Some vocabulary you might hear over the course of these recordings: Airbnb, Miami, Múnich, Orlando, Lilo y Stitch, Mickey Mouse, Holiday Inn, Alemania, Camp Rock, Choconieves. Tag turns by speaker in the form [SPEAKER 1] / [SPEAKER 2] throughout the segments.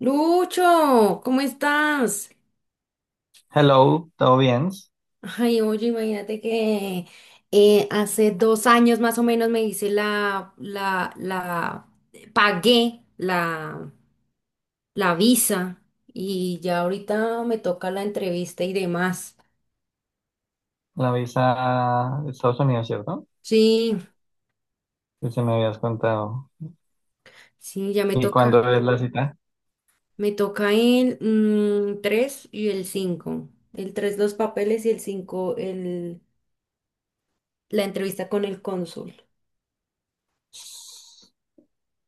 [SPEAKER 1] Lucho, ¿cómo estás?
[SPEAKER 2] Hello, ¿todo bien?
[SPEAKER 1] Ay, oye, imagínate que hace 2 años más o menos me hice pagué la visa y ya ahorita me toca la entrevista y demás.
[SPEAKER 2] La visa de Estados Unidos, ¿cierto?
[SPEAKER 1] Sí,
[SPEAKER 2] Que se me habías contado.
[SPEAKER 1] sí, ya me
[SPEAKER 2] ¿Y
[SPEAKER 1] toca,
[SPEAKER 2] cuándo es la cita?
[SPEAKER 1] me toca el 3 y el cinco. El 3 los papeles y el 5 la entrevista con el cónsul.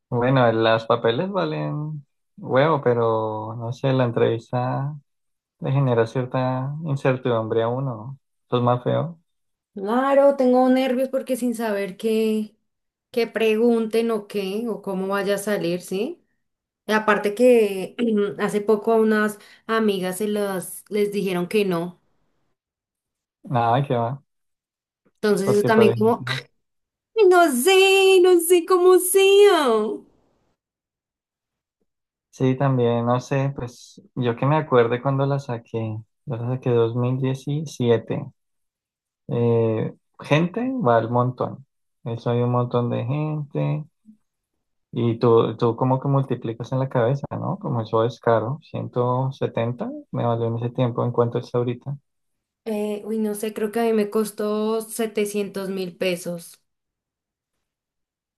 [SPEAKER 2] Bueno, los papeles valen huevo, pero no sé, la entrevista le genera cierta incertidumbre a uno. Eso es más feo.
[SPEAKER 1] Claro, tengo nervios porque sin saber que pregunten o qué, o cómo vaya a salir, ¿sí? Y aparte que hace poco a unas amigas les dijeron que no.
[SPEAKER 2] Nada, que va.
[SPEAKER 1] Entonces eso
[SPEAKER 2] Porque, por
[SPEAKER 1] también como,
[SPEAKER 2] ejemplo,
[SPEAKER 1] ay, no sé, no sé cómo sea.
[SPEAKER 2] sí, también, no sé, pues yo que me acuerde cuando la saqué. Yo la saqué 2017. eh, Gente va al montón. Eso hay un montón de gente. Y tú como que multiplicas en la cabeza, ¿no? Como eso es caro. 170 me valió en ese tiempo. ¿En cuánto está ahorita?
[SPEAKER 1] Uy, no sé, creo que a mí me costó 700.000 pesos.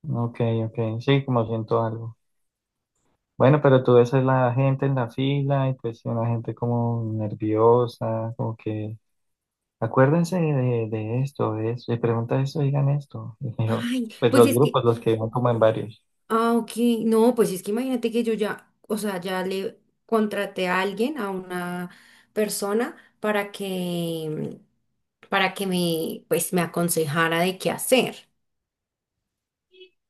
[SPEAKER 2] Ok, ok. Sí, como ciento algo. Bueno, pero tú ves a la gente en la fila y pues una gente como nerviosa, como que acuérdense de esto, de eso, y pregunta esto, digan esto. Y yo,
[SPEAKER 1] Ay,
[SPEAKER 2] pues
[SPEAKER 1] pues
[SPEAKER 2] los
[SPEAKER 1] es
[SPEAKER 2] grupos,
[SPEAKER 1] que.
[SPEAKER 2] los que iban como en varios.
[SPEAKER 1] Ah, ok. No, pues es que imagínate que yo ya, o sea, ya le contraté a alguien, a una persona, para que me, pues, me aconsejara de qué hacer.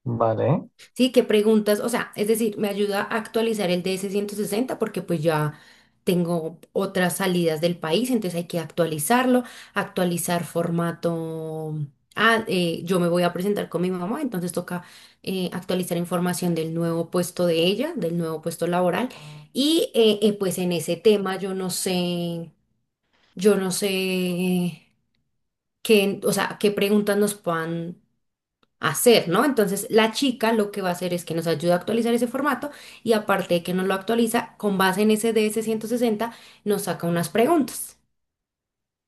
[SPEAKER 2] Vale.
[SPEAKER 1] Sí, qué preguntas, o sea, es decir, me ayuda a actualizar el DS-160 porque pues ya tengo otras salidas del país, entonces hay que actualizarlo, actualizar formato. Ah, yo me voy a presentar con mi mamá, entonces toca actualizar información del nuevo puesto de ella, del nuevo puesto laboral. Y pues en ese tema yo no sé qué, o sea, qué preguntas nos puedan hacer, ¿no? Entonces, la chica lo que va a hacer es que nos ayuda a actualizar ese formato y aparte de que nos lo actualiza, con base en ese DS-60 nos saca unas preguntas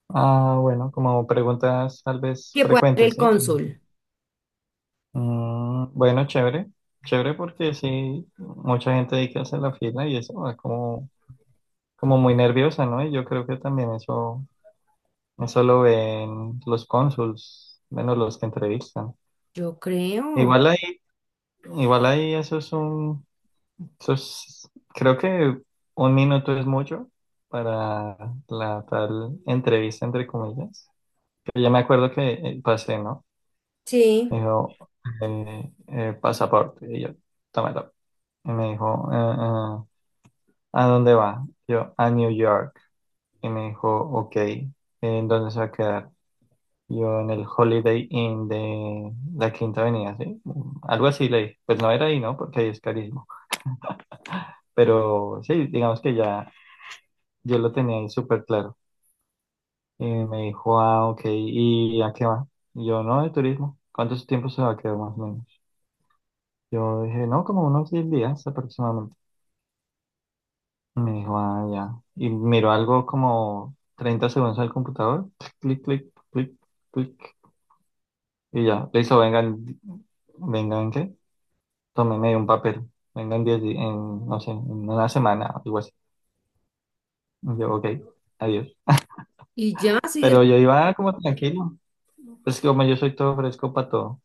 [SPEAKER 2] Ah, bueno, como preguntas tal vez
[SPEAKER 1] que puede hacer
[SPEAKER 2] frecuentes,
[SPEAKER 1] el
[SPEAKER 2] ¿sí?
[SPEAKER 1] cónsul.
[SPEAKER 2] Mm, bueno, chévere, chévere porque sí, mucha gente ahí que hace la fila y eso es como, como muy nerviosa, ¿no? Y yo creo que también eso lo ven los cónsuls, menos los que entrevistan.
[SPEAKER 1] Yo creo.
[SPEAKER 2] Igual ahí, igual ahí eso es un, eso es- creo que un minuto es mucho para la tal entrevista, entre comillas. Yo ya me acuerdo que pasé, ¿no?
[SPEAKER 1] Sí.
[SPEAKER 2] Me dijo, pasaporte. Y yo, tómalo. Y me dijo, ¿a dónde va? Yo, a New York. Y me dijo, ok, ¿en dónde se va a quedar? Yo, en el Holiday Inn de la Quinta Avenida, ¿sí? Algo así le dije. Pues no era ahí, ¿no? Porque ahí es carísimo. Pero sí, digamos que ya yo lo tenía ahí súper claro. Y me dijo, ah, ok, ¿y a qué va? Y yo, no, de turismo. ¿Cuántos tiempos se va a quedar más o menos? Yo dije, no, como unos 10 días aproximadamente. Me dijo, ah, ya. Y miró algo como 30 segundos al computador. Clic, clic, clic, clic. Y ya. Le hizo, vengan, vengan, ¿qué? Tomé medio un papel. Vengan 10 di- en, no sé, en una semana, algo así. Y yo, ok, adiós.
[SPEAKER 1] Y ya, sí,
[SPEAKER 2] Pero yo iba como tranquilo. Es que como yo soy todo fresco para todo.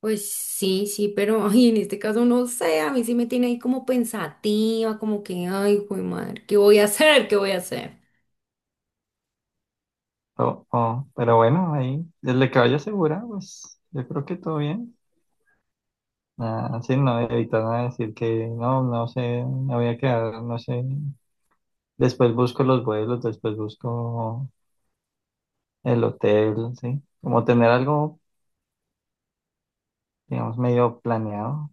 [SPEAKER 1] pues sí, sí, pero ay, en este caso no sé, a mí sí me tiene ahí como pensativa, como que, ay, güey, madre, ¿qué voy a hacer? ¿Qué voy a hacer?
[SPEAKER 2] Oh, oh, pero bueno, ahí, desde que vaya segura, pues yo creo que todo bien. Ah, sí, no, evitar nada decir que no, no sé, me voy a quedar, no sé. Después busco los vuelos, después busco el hotel, ¿sí? Como tener algo, digamos, medio planeado.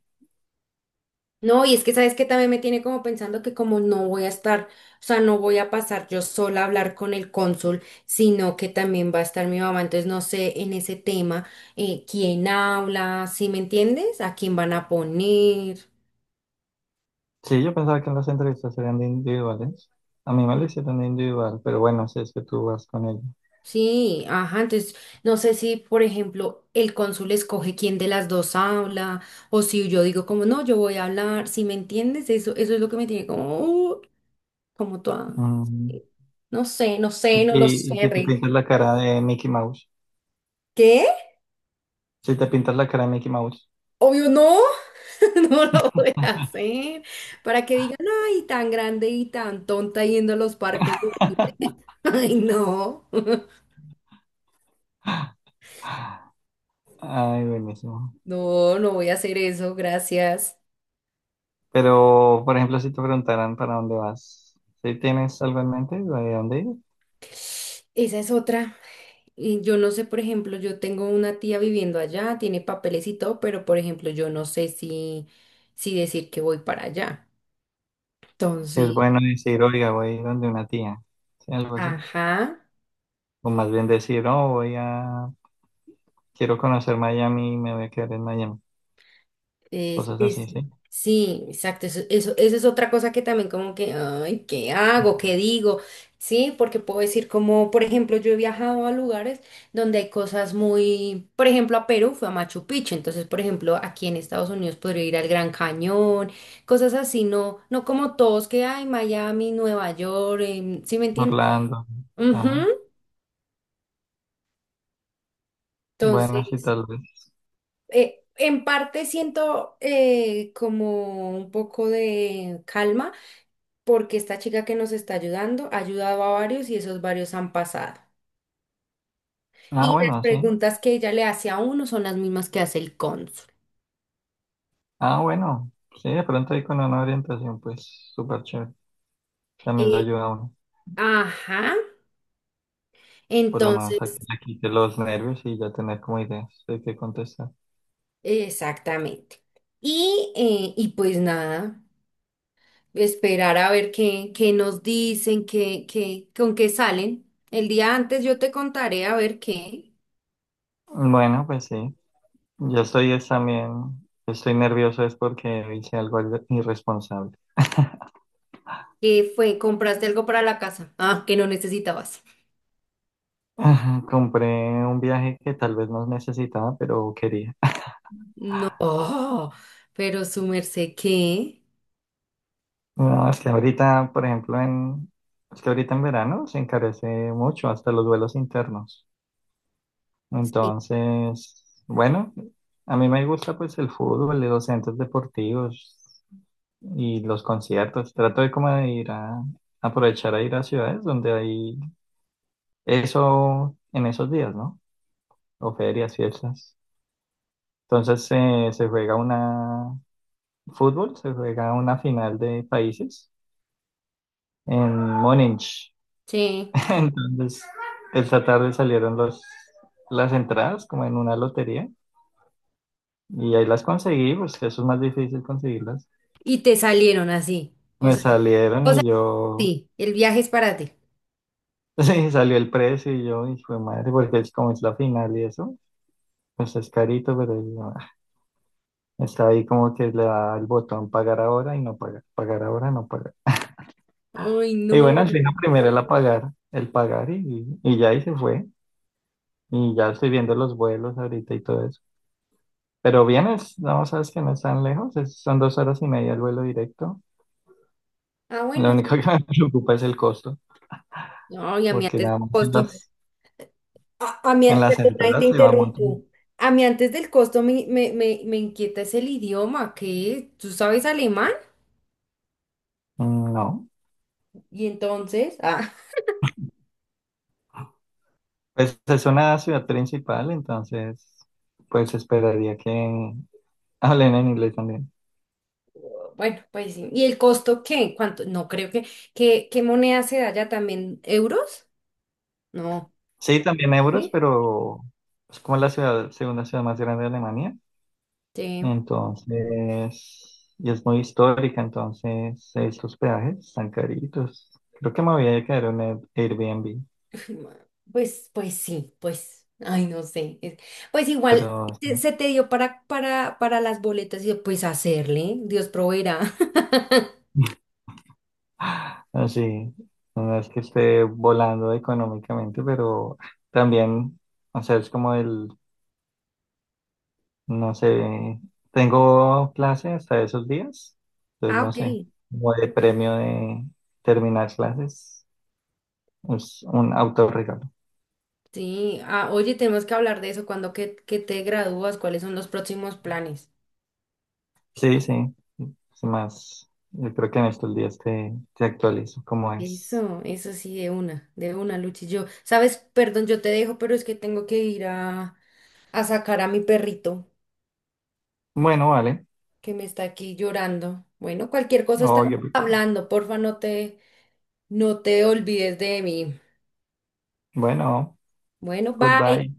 [SPEAKER 1] No, y es que sabes que también me tiene como pensando que como no voy a estar, o sea, no voy a pasar yo sola a hablar con el cónsul, sino que también va a estar mi mamá. Entonces no sé en ese tema quién habla, ¿sí me entiendes? ¿A quién van a poner?
[SPEAKER 2] Sí, yo pensaba que las entrevistas serían de individuales. A mí me lo
[SPEAKER 1] Sí.
[SPEAKER 2] hicieron de individual, pero bueno, si es que tú vas con ella.
[SPEAKER 1] Sí, ajá. Entonces no sé si, por ejemplo, el cónsul escoge quién de las dos habla, o si yo digo como no, yo voy a hablar, ¿sí me entiendes? Eso es lo que me tiene como, como toda,
[SPEAKER 2] Mm.
[SPEAKER 1] eh, no sé, no sé,
[SPEAKER 2] Y,
[SPEAKER 1] no lo
[SPEAKER 2] y- y
[SPEAKER 1] sé,
[SPEAKER 2] si te
[SPEAKER 1] Rick.
[SPEAKER 2] pintas la cara de Mickey Mouse.
[SPEAKER 1] ¿Qué?
[SPEAKER 2] Si te pintas la cara de Mickey Mouse.
[SPEAKER 1] Obvio no, no lo voy a hacer. Para que digan, ay, tan grande y tan tonta yendo a los parques. Ay, no,
[SPEAKER 2] Ay, buenísimo.
[SPEAKER 1] no, no voy a hacer eso, gracias.
[SPEAKER 2] Pero, por ejemplo, si te preguntaran para dónde vas, si tienes algo en mente de dónde ir,
[SPEAKER 1] Esa es otra. Y yo no sé, por ejemplo, yo tengo una tía viviendo allá, tiene papeles y todo, pero por ejemplo, yo no sé si decir que voy para allá.
[SPEAKER 2] si es
[SPEAKER 1] Entonces,
[SPEAKER 2] bueno decir, oiga, voy a ir donde una tía, ¿sí? Algo así.
[SPEAKER 1] ajá.
[SPEAKER 2] O más bien decir, oh, voy a, quiero conocer Miami y me voy a quedar en Miami.
[SPEAKER 1] Es,
[SPEAKER 2] Cosas
[SPEAKER 1] es-
[SPEAKER 2] así, ¿sí?
[SPEAKER 1] sí, exacto. Eso es otra cosa que también como que, ay, ¿qué hago? ¿Qué digo? Sí, porque puedo decir como, por ejemplo, yo he viajado a lugares donde hay cosas muy, por ejemplo, a Perú fue a Machu Picchu, entonces, por ejemplo, aquí en Estados Unidos podría ir al Gran Cañón, cosas así, no, no como todos que hay, Miami, Nueva York, ¿sí me entiendes?
[SPEAKER 2] Orlando.
[SPEAKER 1] Ujú.
[SPEAKER 2] Ajá. Bueno, sí,
[SPEAKER 1] Entonces,
[SPEAKER 2] tal vez.
[SPEAKER 1] en parte siento como un poco de calma porque esta chica que nos está ayudando ha ayudado a varios y esos varios han pasado.
[SPEAKER 2] Ah,
[SPEAKER 1] Y las
[SPEAKER 2] bueno, sí.
[SPEAKER 1] preguntas que ella le hace a uno son las mismas que hace el cónsul.
[SPEAKER 2] Ah, bueno. Sí, de pronto ahí con una orientación, pues súper chévere. También le
[SPEAKER 1] Eh,
[SPEAKER 2] ayuda a uno.
[SPEAKER 1] ajá,
[SPEAKER 2] Por lo
[SPEAKER 1] entonces,
[SPEAKER 2] menos aquí, aquí de los nervios y ya tener como ideas de qué contestar.
[SPEAKER 1] exactamente. Y pues nada, esperar a ver qué nos dicen, con qué salen. El día antes yo te contaré a ver qué,
[SPEAKER 2] Bueno, pues sí. Yo estoy es también, estoy nervioso es porque hice algo irre- irresponsable.
[SPEAKER 1] qué fue, compraste algo para la casa. Ah, que no necesitabas.
[SPEAKER 2] Compré un viaje que tal vez no necesitaba, pero quería.
[SPEAKER 1] No, oh, pero su merced, ¿qué?
[SPEAKER 2] No, es que ahorita, por ejemplo, en, es que ahorita en verano se encarece mucho hasta los vuelos internos. Entonces, bueno, a mí me gusta pues el fútbol, los centros deportivos y los conciertos. Trato de como de ir a aprovechar a ir a ciudades donde hay eso en esos días, ¿no? O ferias, fiestas. Entonces se juega una fútbol, se juega una final de países en Múnich.
[SPEAKER 1] Sí.
[SPEAKER 2] Entonces, esta tarde salieron los, las entradas como en una lotería y ahí las conseguí, pues eso es más difícil conseguirlas.
[SPEAKER 1] Y te salieron así. O
[SPEAKER 2] Me
[SPEAKER 1] sea,
[SPEAKER 2] salieron
[SPEAKER 1] o sea,
[SPEAKER 2] y yo,
[SPEAKER 1] sí, el viaje es para ti.
[SPEAKER 2] sí, salió el precio y yo, y fue madre, porque es como es la final y eso, pues es carito, pero yo, ah, está ahí como que le da el botón pagar ahora y no pagar, pagar ahora, no pagar.
[SPEAKER 1] Ay,
[SPEAKER 2] Y bueno,
[SPEAKER 1] no.
[SPEAKER 2] al final primero el pagar y ya ahí se fue. Y ya estoy viendo los vuelos ahorita y todo eso. Pero vienes, no, sabes que no es tan lejos, es- son 2 horas y media el vuelo directo.
[SPEAKER 1] Ah, bueno,
[SPEAKER 2] Lo
[SPEAKER 1] sí.
[SPEAKER 2] único que me preocupa es el costo,
[SPEAKER 1] No, y a mí
[SPEAKER 2] porque
[SPEAKER 1] antes del
[SPEAKER 2] nada más
[SPEAKER 1] costo, a mí,
[SPEAKER 2] en las
[SPEAKER 1] perdona, ahí te
[SPEAKER 2] entradas se va un
[SPEAKER 1] interrumpo.
[SPEAKER 2] montón.
[SPEAKER 1] A mí antes del costo me inquieta es el idioma, que tú sabes alemán
[SPEAKER 2] Mm, no,
[SPEAKER 1] y entonces, ah,
[SPEAKER 2] pues es una ciudad principal, entonces pues esperaría que hablen en inglés también.
[SPEAKER 1] bueno, pues sí. ¿Y el costo qué? ¿Cuánto? No creo ¿qué moneda se da ya también? ¿Euros? No.
[SPEAKER 2] Sí, también euros,
[SPEAKER 1] ¿Sí?
[SPEAKER 2] pero es como la ciudad, segunda ciudad más grande de Alemania,
[SPEAKER 1] Sí.
[SPEAKER 2] entonces, y es muy histórica, entonces estos peajes están caritos. Creo que me voy a quedar en un Air- Airbnb.
[SPEAKER 1] Pues sí, pues, ay, no sé. Pues igual
[SPEAKER 2] Pero
[SPEAKER 1] se te dio para, las boletas y yo, pues hacerle, Dios proveerá.
[SPEAKER 2] así, no es que esté volando económicamente, pero también, o sea, es como el, no sé, tengo clase hasta esos días, entonces
[SPEAKER 1] Ah,
[SPEAKER 2] no
[SPEAKER 1] ok.
[SPEAKER 2] sé, como de premio de terminar clases, es un autorregalo.
[SPEAKER 1] Sí, ah, oye, tenemos que hablar de eso, cuando que te gradúas, cuáles son los próximos planes.
[SPEAKER 2] Sí, sí, es más, yo creo que en estos días te, te actualizo cómo es.
[SPEAKER 1] Eso sí, de una, Luchi. Yo, sabes, perdón, yo te dejo, pero es que tengo que ir a sacar a mi perrito
[SPEAKER 2] Bueno, vale.
[SPEAKER 1] que me está aquí llorando. Bueno, cualquier cosa
[SPEAKER 2] Oh,
[SPEAKER 1] estamos
[SPEAKER 2] qué rico.
[SPEAKER 1] hablando, porfa, no te olvides de mí.
[SPEAKER 2] Bueno,
[SPEAKER 1] Bueno, bye.
[SPEAKER 2] goodbye.